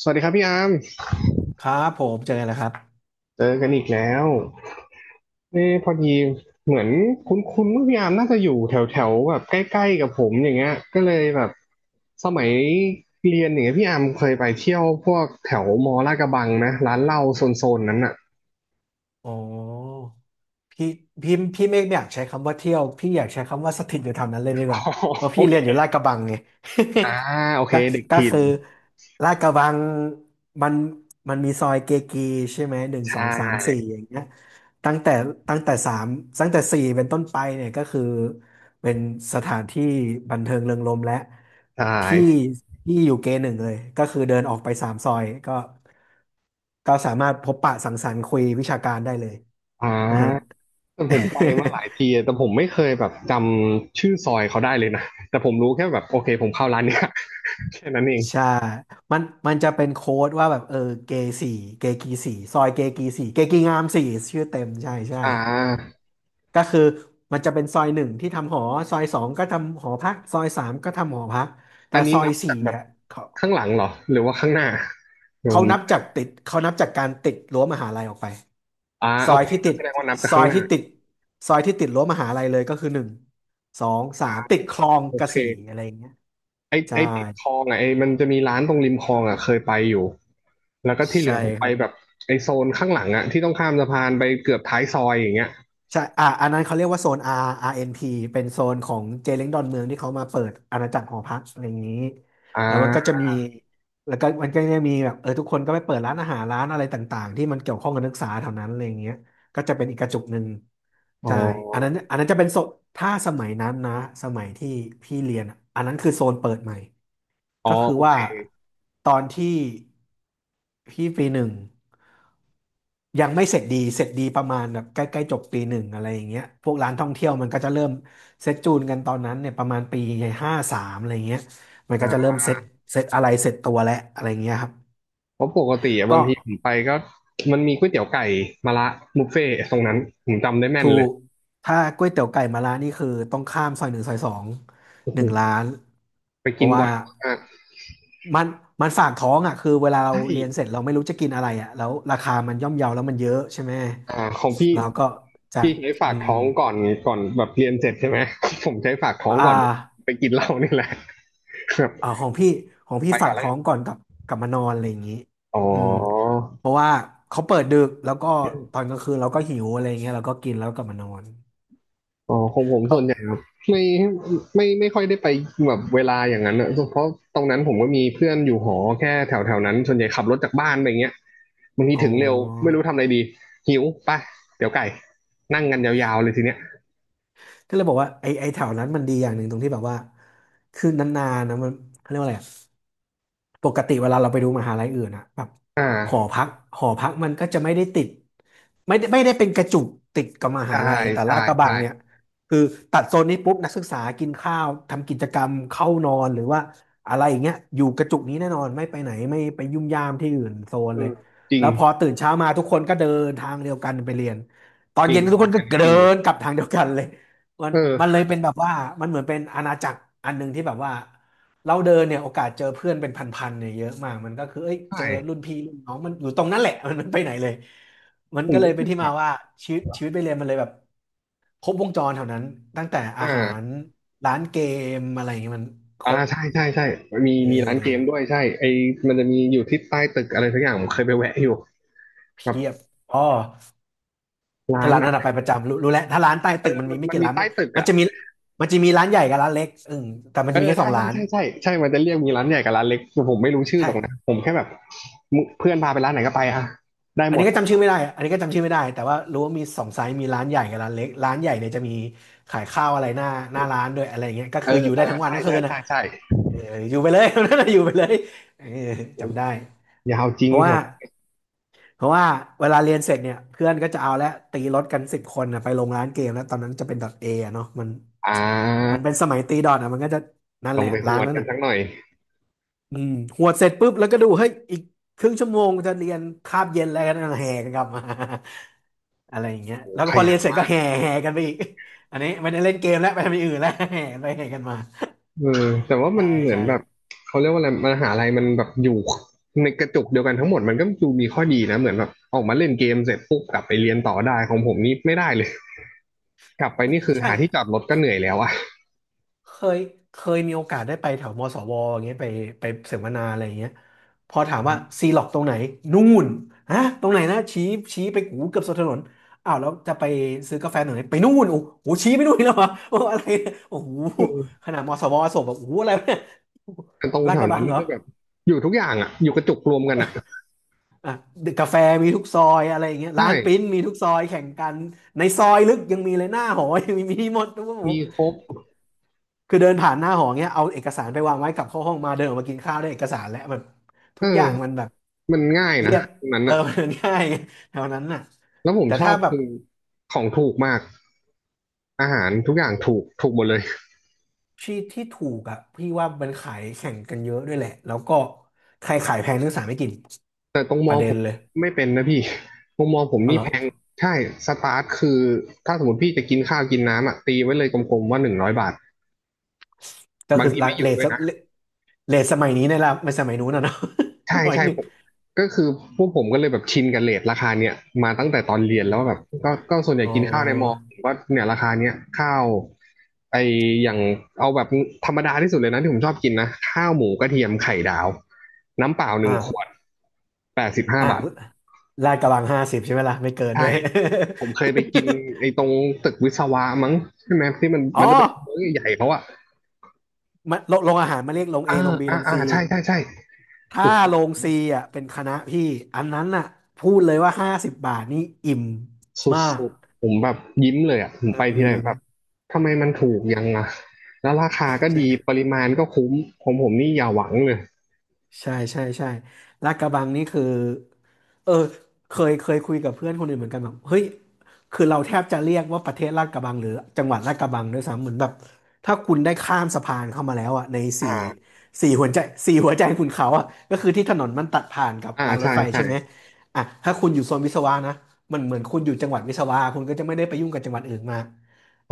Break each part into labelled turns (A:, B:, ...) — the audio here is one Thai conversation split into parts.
A: สวัสดีครับพี่อาร์ม
B: ครับผมเจอกันแล้วครับ
A: เจอกันอีกแล้วเอ้พอดีเหมือนคุ้นๆว่าพี่อาร์มน่าจะอยู่แถวๆแบบใกล้ๆกับผมอย่างเงี้ยก็เลยแบบสมัยเรียนอย่างเงี้ยพี่อาร์มเคยไปเที่ยวพวกแถวมอลาดกระบังนะร้านเหล้าโซนๆนั้นอ่ะ
B: อ๋อ พี่พี่เมฆไม่อยากใช้คำว่าเที่ยวพี่อยากใช้คำว่าสถิตอยู่แถวนั้นเลยดี ก
A: อ๋อ
B: ว่าเพราะ
A: โอ
B: พี่
A: เค
B: เรียนอยู่ลาดกระบังไง
A: อ่าโอ เค
B: ก็
A: เด็ก
B: ก็
A: ถิ่น
B: คือลาดกระบังมันมันมีซอยเกกีใช่ไหมหนึ่ง
A: ใช
B: สองสามสี่
A: ่
B: อย่างเงี้ยตั้งแต่ตั้งแต่สามตั้งแต่สี่เป็นต้นไปเนี่ยก็คือเป็นสถานที่บันเทิงเริงรมย์และ
A: ใช
B: พี่
A: ่
B: พี่อยู่เกหนึ่งเลยก็คือเดินออกไปสามซอยก็สามารถพบปะสังสรรค์คุยวิชาการได้เลย
A: อ่
B: นะฮะ
A: าแต่ผมไปมาหลาย ทีแต่ผมไม่เคยแบบจำชื่อซอยเขาได้เลยนะแต่ผมรู้แค่แบบโอเคผมเข้าร้านเนี้ย แค่นั้นเอง
B: ใช่มันจะเป็นโค้ดว่าแบบเกสี่เกกีสี่ซอยเกกีสี่เกกีงามสี่ชื่อเต็มใช่ใช่
A: อ่า
B: ก็คือมันจะเป็นซอยหนึ่งที่ทำหอซอยสองก็ทำหอพักซอยสามก็ทำหอพักแต่
A: อันนี้
B: ซอย
A: นับ
B: สี่
A: จากแบบ
B: อ่ะเขา
A: ข้างหลังเหรอหรือว่าข้างหน้าผม
B: เขานับจากการติดรั้วมหาลัยออกไป
A: อ่า
B: ซ
A: โอ
B: อย
A: เค
B: ที่ติด
A: แสดงว่านับจาก
B: ซอ
A: ข้าง
B: ย
A: หน้า
B: ที่ติดซอยที่ติดรั้วมหาลัยเลยก็คือหนึ่งสองสามติดคลอง
A: โอ
B: กระ
A: เค
B: สี่อะไรอย่างเงี้ย
A: ไอไอ
B: ใช่
A: ติดคลองอ่ะไอมันจะมีร้านตรงริมคลองอ่ะเคยไปอยู่แล้วก็ที่เหลื
B: ใช่
A: อผม
B: ค
A: ไป
B: รับ
A: แบบไอโซนข้างหลังอ่ะที่ต้องข้ามสะพานไปเกือบท้ายซอยอย่างเงี้ย
B: ใช่อ่าอันนั้นเขาเรียกว่าโซน R RNP เอ็นพีเป็นโซนของเจเล้งดอนเมืองที่เขามาเปิดอาณาจักรหอพักอะไรอย่างนี้
A: อ่
B: แล้วมันก็
A: า
B: จะมีแล้วก็มันก็จะมีแบบทุกคนก็ไปเปิดร้านอาหารร้านอะไรต่างๆที่มันเกี่ยวข้องกับนักศึกษาแถวนั้นอะไรอย่างเงี้ย ก็จะเป็นอีกกระจุกหนึ่ง
A: อ๋อ
B: ใช่อันนั้นจะเป็นโซนถ้าสมัยนั้นนะสมัยที่พี่เรียนอะอันนั้นคือโซนเปิดใหม่
A: อ๋อ
B: ก็คือ
A: โอ
B: ว่า
A: เค
B: ตอนที่พี่ปีหนึ่งยังไม่เสร็จดีเสร็จดีประมาณแบบใกล้ๆจบปีหนึ่งอะไรอย่างเงี้ยพวกร้านท่องเที่ยวมันก็จะเริ่มเซ็ตจูนกันตอนนั้นเนี่ยประมาณปีห้าสามอะไรเงี้ยมัน
A: อ่
B: ก็จะเริ่
A: า
B: มเซ็ตอะไรเสร็จตัวแล้วอะไรเงี้ยครับ
A: เพราะปกติอะบา
B: ก็
A: งทีผมไปก็มันมีก๋วยเตี๋ยวไก่มะระบุฟเฟ่ต์ตรงนั้นผมจำได้แม่
B: ถู
A: นเลย
B: กถ้าก๋วยเตี๋ยวไก่มะระนี่คือต้องข้ามซอยหนึ่งซอยสอง
A: โอ้
B: ห
A: โห
B: นึ่งร้าน
A: ไป
B: เพ
A: กิน
B: ราะ
A: บ่
B: ว่า
A: อยมาก
B: มันมันฝากท้องอ่ะคือเวลาเรา
A: ใช่
B: เรียนเสร็จเราไม่รู้จะกินอะไรอ่ะแล้วราคามันย่อมเยาแล้วมันเยอะใช่ไหม
A: อ่าของพี่
B: เราก็จะ
A: พี่ใช้
B: อื
A: ฝาก
B: ม
A: ท้องก่อนก่อนแบบเรียนเสร็จใช่ไหม ผมใช้ฝากท้อง
B: อ่า
A: ก่อนไปกินเหล้านี่แหละ แบบ
B: อ่าของพี่ของ
A: ไป
B: พี่
A: ก่
B: ฝา
A: อ
B: ก
A: นแล้ว
B: ท้
A: กั
B: อ
A: น
B: งก่อนกลับกลับมานอนอะไรอย่างนี้
A: อ๋อ
B: อืมเพราะว่าเขาเปิดดึกแล้วก็ตอนกลางคืนเราก็หิวอะไรอย่างเงี้ยเราก็กินแล้วกลับมานอน
A: อ๋อของผม
B: ก็
A: ส่วนใหญ่แบบไม่ไม่ค่อยได้ไปแบบเวลาอย่างนั้นอะเพราะตรงนั้นผมก็มีเพื่อนอยู่หอแค่แถวแถวนั้นส่วนใหญ่ขับรถจากบ้านไปอย่างเงี้ยบางที
B: อ๋อ
A: ถึงเร็วไม่รู้ทำอะไรดีหิวไปเดี๋ยวไก่นั่งกันยาวๆเลยทีเนี้ย
B: ก็เลยบอกว่าไอ้แถวนั้นมันดีอย่างหนึ่งตรงที่แบบว่าคือนานๆนะมันเขาเรียกว่าอะไรอะ ปกติเวลาเราไปดูมหาลัยอื่นอะแบบ
A: อ่
B: หอ
A: า
B: พักหอพักมันก็จะไม่ได้ติดไม่ได้เป็นกระจุกติดกับมหา
A: ใช่
B: ลัยแต่
A: ใช่
B: ลาดกระบั
A: ใช่
B: งเนี่ยคือตัดโซนนี้ปุ๊บนักศึกษากินข้าวทำกิจกรรมเข้านอนหรือว่าอะไรอย่างเงี้ยอยู่กระจุกนี้แน่นอนไม่ไปไหนไม่ไปยุ่มย่ามที่อื่นโซ
A: เอ
B: นเล
A: อ
B: ย
A: จริง
B: แล้วพอตื่นเช้ามาทุกคนก็เดินทางเดียวกันไปเรียนตอน
A: จริ
B: เย็
A: ง
B: นทุกคน
A: อั
B: ก็
A: นนี้จ
B: เดิ
A: ริงเลย
B: นกลับทางเดียวกันเลยมันมันเล
A: เออ
B: ยเป็นแบบว่ามันเหมือนเป็นอาณาจักรอันหนึ่งที่แบบว่า เราเดินเนี่ยโอกาสเจอเพื่อนเป็นพันๆเนี่ยเยอะมากมันก็คือเอ้ย
A: ใช
B: เจอรุ่น
A: ่
B: พี่รุ่นน้องมันอยู่ตรงนั้นแหละ มันไม่ไปไหนเลยมัน
A: ผ
B: ก็
A: ม
B: เลย
A: รู้
B: เป็น
A: สึก
B: ที่
A: แบ
B: มา
A: บ
B: ว่าชีวิตไปเรียนมันเลยแบบครบวงจรแถวนั้นตั้งแต่
A: อ
B: อาหาร
A: ่า
B: ร้านเกมอะไรอย่างเงี้ยมันค
A: อ่า
B: รบ
A: ใช่ใช่ใช่มี
B: เอ
A: มีร้านเกมด้
B: อ
A: วยใช่ไอมันจะมีอยู่ที่ใต้ตึกอะไรสักอย่างผมเคยไปแวะอยู่แบบ
B: เพียบอ๋อ
A: ร้า
B: ถ้า
A: น
B: ร้าน
A: อ่ะ
B: ระ้ัไปประจำรู้แล้วถ้าร้านใต้
A: มั
B: ตึ
A: น
B: กมันมีไม่
A: มัน
B: กี่
A: มี
B: ร้าน
A: ใต้
B: มัน
A: ตึก
B: มัน
A: อ่ะ
B: จะมีมันจะมีร้านใหญ่กับร้านเล็กอืมแต่มัน
A: เอ
B: จะมี
A: อ
B: แค่ส
A: ใช่
B: อง
A: ใช่
B: ร้าน
A: ใช่ใช่ใช่มันจะเรียกมีร้านใหญ่กับร้านเล็กผมไม่รู้ชื่อห
B: ใช่
A: รอกนะผมแค่แบบมึเพื่อนพาไปร้านไหนก็ไปอ่ะได้
B: อั
A: ห
B: น
A: ม
B: นี้
A: ด
B: ก็จำชื่อไม่ได้อะอันนี้ก็จำชื่อไม่ได้ แต่ว่ารู้ว่ามีสองไซส์มีร้านใหญ่กับร้านเล็กร้านใหญ่เนี่ยจะมีขายข้าวอะไรหน้าร้านด้วยอะไรอย่างเงี้ยก็
A: เอ
B: คือ
A: อ
B: อยู่ได้
A: เอา
B: ทั้งวัน
A: ใช่
B: ทั้งคื
A: ใช่
B: นอ่ะ
A: ใช่ใช่
B: เอออยู่ไปเลย นั่นน่ะอยู่ไปเลยเออ
A: โอ้
B: จำได้
A: ยาวจริ
B: เพ
A: ง
B: ราะ
A: เหร
B: ว่า
A: อ
B: เพราะว่าเวลาเรียนเสร็จเนี่ยเพื่อนก็จะเอาแล้วตีรถกันสิบคนนะไปลงร้านเกมแล้วตอนนั้นจะเป็นดอทเอะเนาะมัน
A: อ่
B: มัน
A: า
B: เป็นสมัยตีดอทอ่ะมันก็จะนั่น
A: ล
B: แห
A: อง
B: ละ
A: ไปห
B: ร้าน
A: วด
B: นั้น
A: กัน
B: อ่ะ
A: สักหน่อย
B: อืมหวดเสร็จปุ๊บแล้วก็ดูเฮ้ยอีกครึ่งชั่วโมงจะเรียนคาบเย็นแล้วกันแห่กันกลับมา อะไรอย่างเงี้ย
A: โอ้
B: แล้ว
A: ข
B: ก็พอเรี
A: ยั
B: ยน
A: น
B: เสร็จก็แห่กันไปอีก อันนี้ไม่ได้เล่นเกมแล้วไปทำอย่างอื่นแล้ว แห่กันไปแห่กันมา
A: เออแต่ว่ามั
B: ใช่
A: นเหมือน
B: ใช่
A: แบบเขาเรียกว่าอะไรมหาลัยมันแบบอยู่ในกระจุกเดียวกันทั้งหมดมันก็ดูมีข้อดีนะเหมือนแบบออกมาเล่นเกมเสร็จปุ๊บกลับไปเรียนต่อได้ของผมนี่ไม่ได้เลย กลับไปนี่คือ
B: ใช่
A: หาที่จอดรถก็เหนื่อยแล้วอ่ะ
B: เคยเคยมีโอกาสได้ไปแถวมศวอย่างเงี้ยไปไปเสวนาอะไรอย่างเงี้ยพอถามว่าซีล็อกตรงไหนนู่นฮะตรงไหนนะชี้ชี้ไปกูเกือบสุดถนนอ้าวแล้วจะไปซื้อกาแฟหน่อยไปนู่นโอ้โหชี้ไปนู่นอีกแล้วเหรอโอ้ อะไรเนี่ยโอ้โห
A: อืม
B: ขนาดมศวส่งแบบโอ้โหอะไรเนี่ย
A: แต่ตรง
B: ลาด
A: แถ
B: ก
A: ว
B: ระบั
A: นั้
B: ง
A: นมั
B: เหร
A: น
B: อ
A: ก็แบบอยู่ทุกอย่างอ่ะอยู่กระจุกรวมกันอ่ะ
B: อ่ะกาแฟมีทุกซอยอะไรอย่างเงี้ยร้านปริ้น
A: ใช่
B: มีทุกซอยแข่งกันในซอยลึกยังมีเลยหน้าหอยังมีมีหมดทุกหม
A: มีครบ
B: คือเดินผ่านหน้าหอเงี้ยเอาเอกสารไปวางไว้กลับเข้าห้องมาเดินออกมากินข้าวได้เอกสารแล้วแบบ
A: เ
B: ทุกอย่างมัน
A: ออ
B: แบบ
A: มันง่าย
B: เรี
A: นะ
B: ยบ
A: ตรงนั้น
B: เออ
A: อ่ะ
B: มันง่ายแถวนั้นน่ะ
A: แล้วผม
B: แต่
A: ชอ
B: ถ้า
A: บ
B: แบบ
A: คือของถูกมากอาหารทุกอย่างถูกถูกหมดเลย
B: ที่ที่ถูกอ่ะพี่ว่ามันขายแข่งกันเยอะด้วยแหละแล้วก็ใครขายแพงนักศึกษาไม่กิน
A: แต่ตรง
B: ป
A: มอ
B: ระเด็
A: ผ
B: น
A: ม
B: เลย
A: ไม่เป็นนะพี่ ตรงมอผม
B: อ
A: นี่
B: ร่อ
A: แพ
B: ย
A: งใช่สตาร์ทคือถ้าสมมติพี่จะกินข้าวกินน้ำอ่ะตีไว้เลยกลมๆว่า100 บาท
B: ก็
A: บาง
B: คือ
A: ที
B: รา
A: ไม่
B: คา
A: อ
B: เร
A: ยู่
B: ท
A: ด้ว
B: ส
A: ยนะ
B: เรทมัยนี้ในราคาไม่สมัยนู้นนะเนาะ
A: ใช่
B: ร้อย
A: ใช่
B: หนึ่ง
A: ผมก็คือพวกผมก็เลยแบบชินกับเรทราคาเนี้ยมาตั้งแต่ตอนเรีย
B: อ
A: นแล้วแบ
B: ม
A: บก็ก็ส่วนใหญ่
B: อ๋อ
A: กินข้าวในมอผมก็เนี่ยราคาเนี้ยข้าวไออย่างเอาแบบธรรมดาที่สุดเลยนะที่ผมชอบกินนะข้าวหมูกระเทียมไข่ดาวน้ำเปล่าหนึ่
B: อ่า
A: งขวดแปดสิบห้า
B: อ่า
A: บาท
B: ลาดกระบังห้าสิบใช่ไหมล่ะไม่เกินด้
A: ใช่
B: วย
A: ผมเคยไปกินไอ้ตรงตึกวิศวะมั้งใช่ไหมที่มัน
B: อ๋อ
A: มันจะเป็นมื้อใหญ่ๆเขาอะ
B: มันโรโรงอาหารมาเรียกโรงเอ
A: อ่า
B: โรงบี
A: อ่า
B: โรง
A: อ่า
B: ซี
A: ใช่ใช่ใช่
B: ถ้า
A: โอ้โห
B: โรงซีอ่ะเป็นคณะพี่อันนั้นน่ะพูดเลยว่าห้าสิบบาทนี่อิ่ม
A: ส
B: มาก
A: ุดๆผมแบบยิ้มเลยอะผม
B: เอ
A: ไปทีไรแบบ
B: อ
A: ทำไมมันถูกยังอะแล้วราคาก็ดี
B: ใช่
A: ปริมาณก็คุ้มของผมนี่อย่าหวังเลย
B: ใช่ลาดกระบังนี่คือเออเคยคุยกับเพื่อนคนอื่นเหมือนกันแบบเฮ้ยคือเราแทบจะเรียกว่าประเทศลาดกระบังหรือจังหวัดลาดกระบังด้วยซ้ำเหมือนแบบถ้าคุณได้ข้ามสะพานเข้ามาแล้วอ่ะใน
A: อ่
B: สี่
A: า
B: สี่หัวใจสี่หัวใจคุณเขาอ่ะก็คือที่ถนนมันตัดผ่านกับ
A: อ่า
B: รางร
A: ใช่
B: ถไฟ
A: ใช่
B: ใช่ไหมอ่ะถ้าคุณอยู่โซนวิศวะนะมันเหมือนคุณอยู่จังหวัดวิศวะคุณก็จะไม่ได้ไปยุ่งกับจังหวัดอื่นมา
A: ถ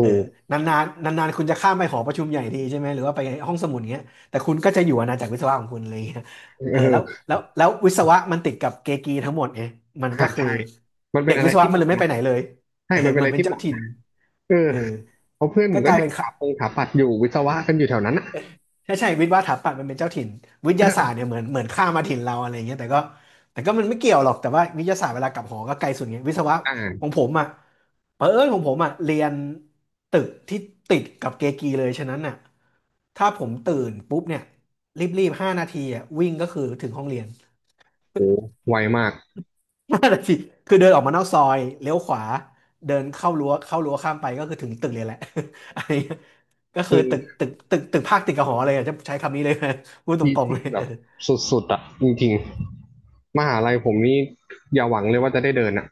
B: เออ
A: ูก
B: นานๆนานๆคุณจะข้ามไปหอประชุมใหญ่ทีใช่ไหมหรือว่าไปห้องสมุดเงี้ยแต่คุณก็จะอยู่อาณาจักรวิศวะของคุณเลย
A: เ
B: เออแล้ว
A: ออ
B: แล้วแล้ววิศวะมันติดกับเกกีทั้งหมดไงมัน
A: อ่า
B: ก็คือ
A: ใช่มันเป็
B: เด็
A: น
B: ก
A: อะ
B: วิ
A: ไร
B: ศวะ
A: ที่
B: มั
A: เห
B: นเล
A: มาะ
B: ยไม่
A: นะ
B: ไปไหนเลย
A: ใช่
B: เออ
A: มันเป็น
B: มั
A: อะ
B: น
A: ไร
B: เป็น
A: ที่เห
B: เจ้า
A: มาะ
B: ถิ่น
A: นะเออ
B: เออ
A: เพราะเพื่อนผ
B: ก็
A: ม
B: ก
A: ก็
B: ลาย
A: เด็ก
B: เป็น
A: ส
B: ค่ะ
A: ถาปงสถาปัตย์อยู่วิศวะกันอยู่แถวนั้นอะ
B: ใช่วิศวะสถาปัตย์มันเป็นเจ้าถิ่นวิทยาศาสตร์เนี่ยเหมือนข้ามมาถิ่นเราอะไรอย่างเงี้ยแต่ก็แต่ก็มันไม่เกี่ยวหรอกแต่ว่าวิทยาศาสตร์เวลากลับหอก็ไกลสุดไงวิศวะ
A: อ่า
B: ของผมอ่ะเผอิญของผมอ่ะเรียนตึกที่ติดกับเกกีเลยฉะนั้นน่ะถ้าผมตื่นปุ๊บเนี่ยรีบๆห้านาทีอ่ะวิ่งก็คือถึงห้องเรียน
A: โหไวมาก
B: ห้านาทีคือเดินออกมานอกซอยเลี้ยวขวาเดินเข้ารั้วเข้ารั้วข้ามไปก็คือถึงตึกเลยแหละ อันนี้ก็คื
A: คื
B: อ
A: อ
B: ตึกภาคติดกับหอเลยอะจะใช้คำนี้เลย พูดต
A: ที่
B: รงๆเล
A: ที่
B: ย
A: แบ
B: เอ
A: บ
B: อ
A: สุดๆอ่ะจริงๆมหาลัยผมนี่อย่าหวังเลยว่าจะได้เดินอ่ะ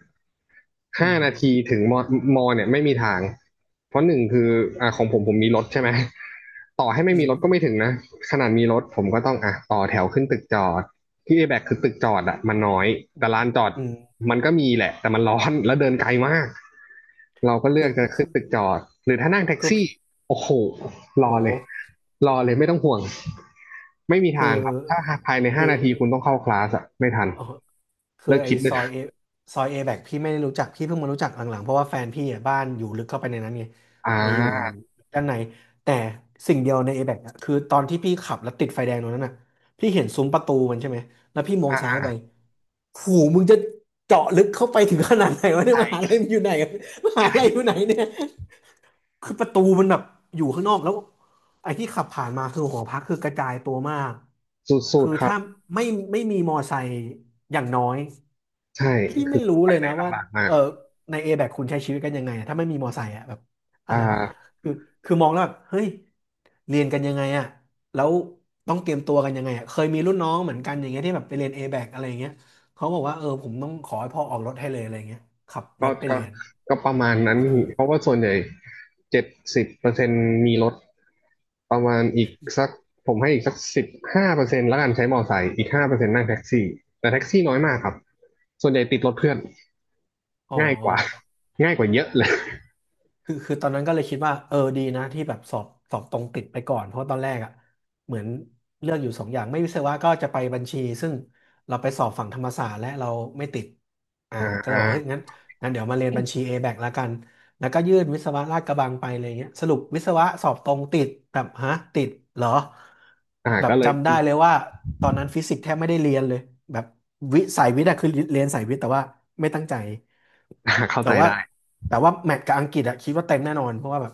B: อื
A: ห้านา
B: ม
A: ทีถึงมอมอเนี่ยไม่มีทางเพราะหนึ่งคืออ่าของผมผมมีรถใช่ไหมต่อให้ไม่
B: อื
A: มีรถก็ไม่
B: ม
A: ถึงนะขนาดมีรถผมก็ต้องอ่ะต่อแถวขึ้นตึกจอดที่เอแบกคือตึกจอดอ่ะมันน้อยแต่ลานจอด
B: อืมอื
A: มัน
B: ม
A: ก็มีแหละแต่มันร้อนแล้วเดินไกลมากเราก็เลื
B: คื
A: อกจะขึ้น
B: อ
A: ตึกจอดหรือถ้านั่งแท็ก
B: คือ
A: ซี่
B: พี่
A: โอ้โหรอเลย
B: โห
A: รอเลยไม่ต้องห่วง ไม่มี
B: คือ
A: ทางครับ ถ้าภายในห้า
B: คือ
A: นาทีคุณต้องเข้าคลาสอะไม่ทัน
B: อ๋อ คือ
A: เลิก
B: ไอ้
A: คิดเล
B: ซ
A: ย
B: อยเอซอยเอแบกพี่ไม่ได้รู้จักพี่เพิ่งมารู้จักหลังๆเพราะว่าแฟนพี่อ่ะบ้านอยู่ลึกเข้าไปในนั้นไง
A: อ่
B: ไปอยู่
A: า
B: ด้านในแต่สิ่งเดียวในเอแบกคือตอนที่พี่ขับแล้วติดไฟแดงตรงนั้นน่ะพี่เห็นซุ้มประตูมันใช่ไหมแล้วพี่มอง
A: อ่า
B: ซ้าย
A: อ่า
B: ไปหูมึงจะเจาะลึกเข้าไปถึงขนาดไหนวะเนี่
A: ใช
B: ยมหา
A: ่
B: ลัยมันอยู่ไหนอะมหาลัยอยู่
A: ใช่
B: ไหนเนี่ย คือประตูมันแบบอยู่ข้างนอกแล้วไอ้ที่ขับผ่านมาคือหอพักคือกระจายตัวมาก
A: สุด
B: คือ
A: ๆครับ
B: ถ้าไม่ไม่มีมอไซค์อย่างน้อย
A: ใช่
B: พี่
A: คื
B: ไม่
A: อ
B: รู้เลยนะว่า
A: ลำบากมา
B: เอ
A: ก
B: อในเอแบคุณใช้ชีวิตกันยังไงอะถ้าไม่มีมอไซค์อะแบบ
A: อ่
B: อะไรวะ
A: า
B: คือคือมองแล้วแบบเฮ้ยเรียนกันยังไงอะแล้วต้องเตรียมตัวกันยังไงอะเคยมีรุ่นน้องเหมือนกันอย่างเงี้ยที่แบบไปเรียนเอแบอะไรอย่างเงี้ยเขาบอกว่าเออผมต้องขอให้พ่อออกรถให้เลยอะไรอย่างเงี้ยขับร
A: ก็
B: ถไป
A: ก็
B: เรียน
A: ก็ประมาณนั้นเพราะว่าส่วนใหญ่70%มีรถประมาณอีกสักผมให้อีกสัก15%แล้วกันใช้มอไซค์อีกห้าเปอร์เซ็นต์นั่งแท็กซี่ แต่แท็กซี่น้อยมากครับ ส่วนใหญ่ติดรถเพื่อน
B: อ๋อ
A: ง่ายกว่าง่ายกว่าเยอะเลย
B: คือตอนนั้นก็เลยคิดว่าเออดีนะที่แบบสอบตรงติดไปก่อนเพราะตอนแรกอ่ะเหมือนเลือกอยู่สองอย่างไม่วิศวะก็จะไปบัญชีซึ่งเราไปสอบฝั่งธรรมศาสตร์และเราไม่ติดอ่า
A: อ
B: ก็เลยบอกเฮ้ย
A: ่า
B: งั้นเดี๋ยวมาเรียนบัญชี A-BAC ละกันแล้วก็ยื่นวิศวะลาดกระบังไปอะไรเงี้ยสรุปวิศวะสอบตรงติดแบบฮะติดเหรอ
A: อ่า
B: แบ
A: ก็
B: บ
A: เลย
B: จำได้เลยว่าตอนนั้นฟิสิกส์แทบไม่ได้เรียนเลยแบบวิสายวิทย์อะคือเรียนสายวิทย์แต่ว่าไม่ตั้งใจ
A: อ่าเข้า
B: แต่
A: ใจ
B: ว่า
A: ได้
B: แต่ว่าแมตช์กับอังกฤษอะคิดว่าเต็มแน่นอนเพราะว่าแบบ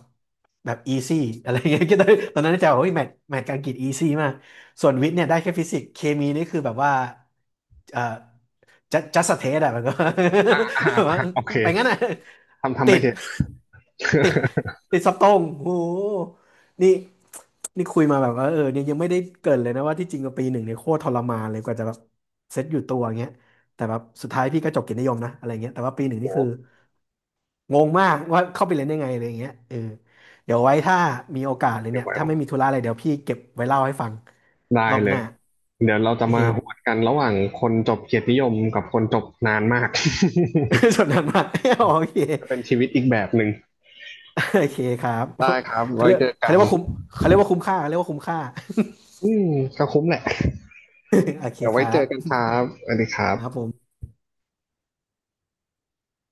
B: แบบอีซี่อะไรอย่างเงี้ย คิดได้ตอนนั้นจะบอกว่าแมตช์กับอังกฤษอีซี่มากส่วนวิทย์เนี่ยได้แค่ฟิสิกส์เคมีนี่คือแบบว่าเอ่อจัจัสเทสอะแบบว่า
A: อ่า อ่า
B: แบบว่า
A: อ่าโอเค
B: ไปงั้นอะ
A: ทำ
B: ติ
A: ไป
B: ด
A: เถอะ
B: ติด ติดสตองโหนี่นี่คุยมาแบบว่าเออเนี่ยยังไม่ได้เกรินเลยนะว่าที่จริงกับปีหนึ่งเนี่ยโคตรทรมานเลยกว่าจะแบบเซตอยู่ตัวเงี้ยแต่แบบสุดท้ายพี่ก็จบเกียรตินิยมนะอะไรเงี้ยแต่ว่าปีหนึ่ง
A: โห
B: นี่คือ งงมากว่าเข้าไปเรียนได้ไงอะไรอย่างเงี้ยเออเดี๋ยวไว้ถ้ามีโอกาสเลย
A: เดี๋ยว
B: เนี่ย
A: ไว้
B: ถ้าไม่มีธุระอะไรเดี๋ยวพี่เก็บไว้เล่าให้ฟัง
A: ได้
B: รอบ
A: เล
B: ห
A: ย
B: น้า
A: เดี๋ยวเราจะ
B: โอเค
A: มาหวดกันระหว่างคนจบเกียรตินิยมกับคนจบนานมาก
B: สนทนามาก โอเค
A: จะเป็นชีวิตอีกแบบหนึ่ง
B: โอเคครับ
A: ได้ครับ
B: เขา
A: ไว้
B: เรียก
A: เจอ
B: เขา
A: กั
B: เรี
A: น
B: ยกว่าคุ้มเขาเรียกว่าคุ้มค่าเขาเรียกว่าคุ้มค่า
A: อืมก็คุ้มแหละ
B: โอเค
A: เดี๋ยว
B: ค
A: ไว้
B: รั
A: เจ
B: บ
A: อกันครับสวัสดีครับ
B: ครับผม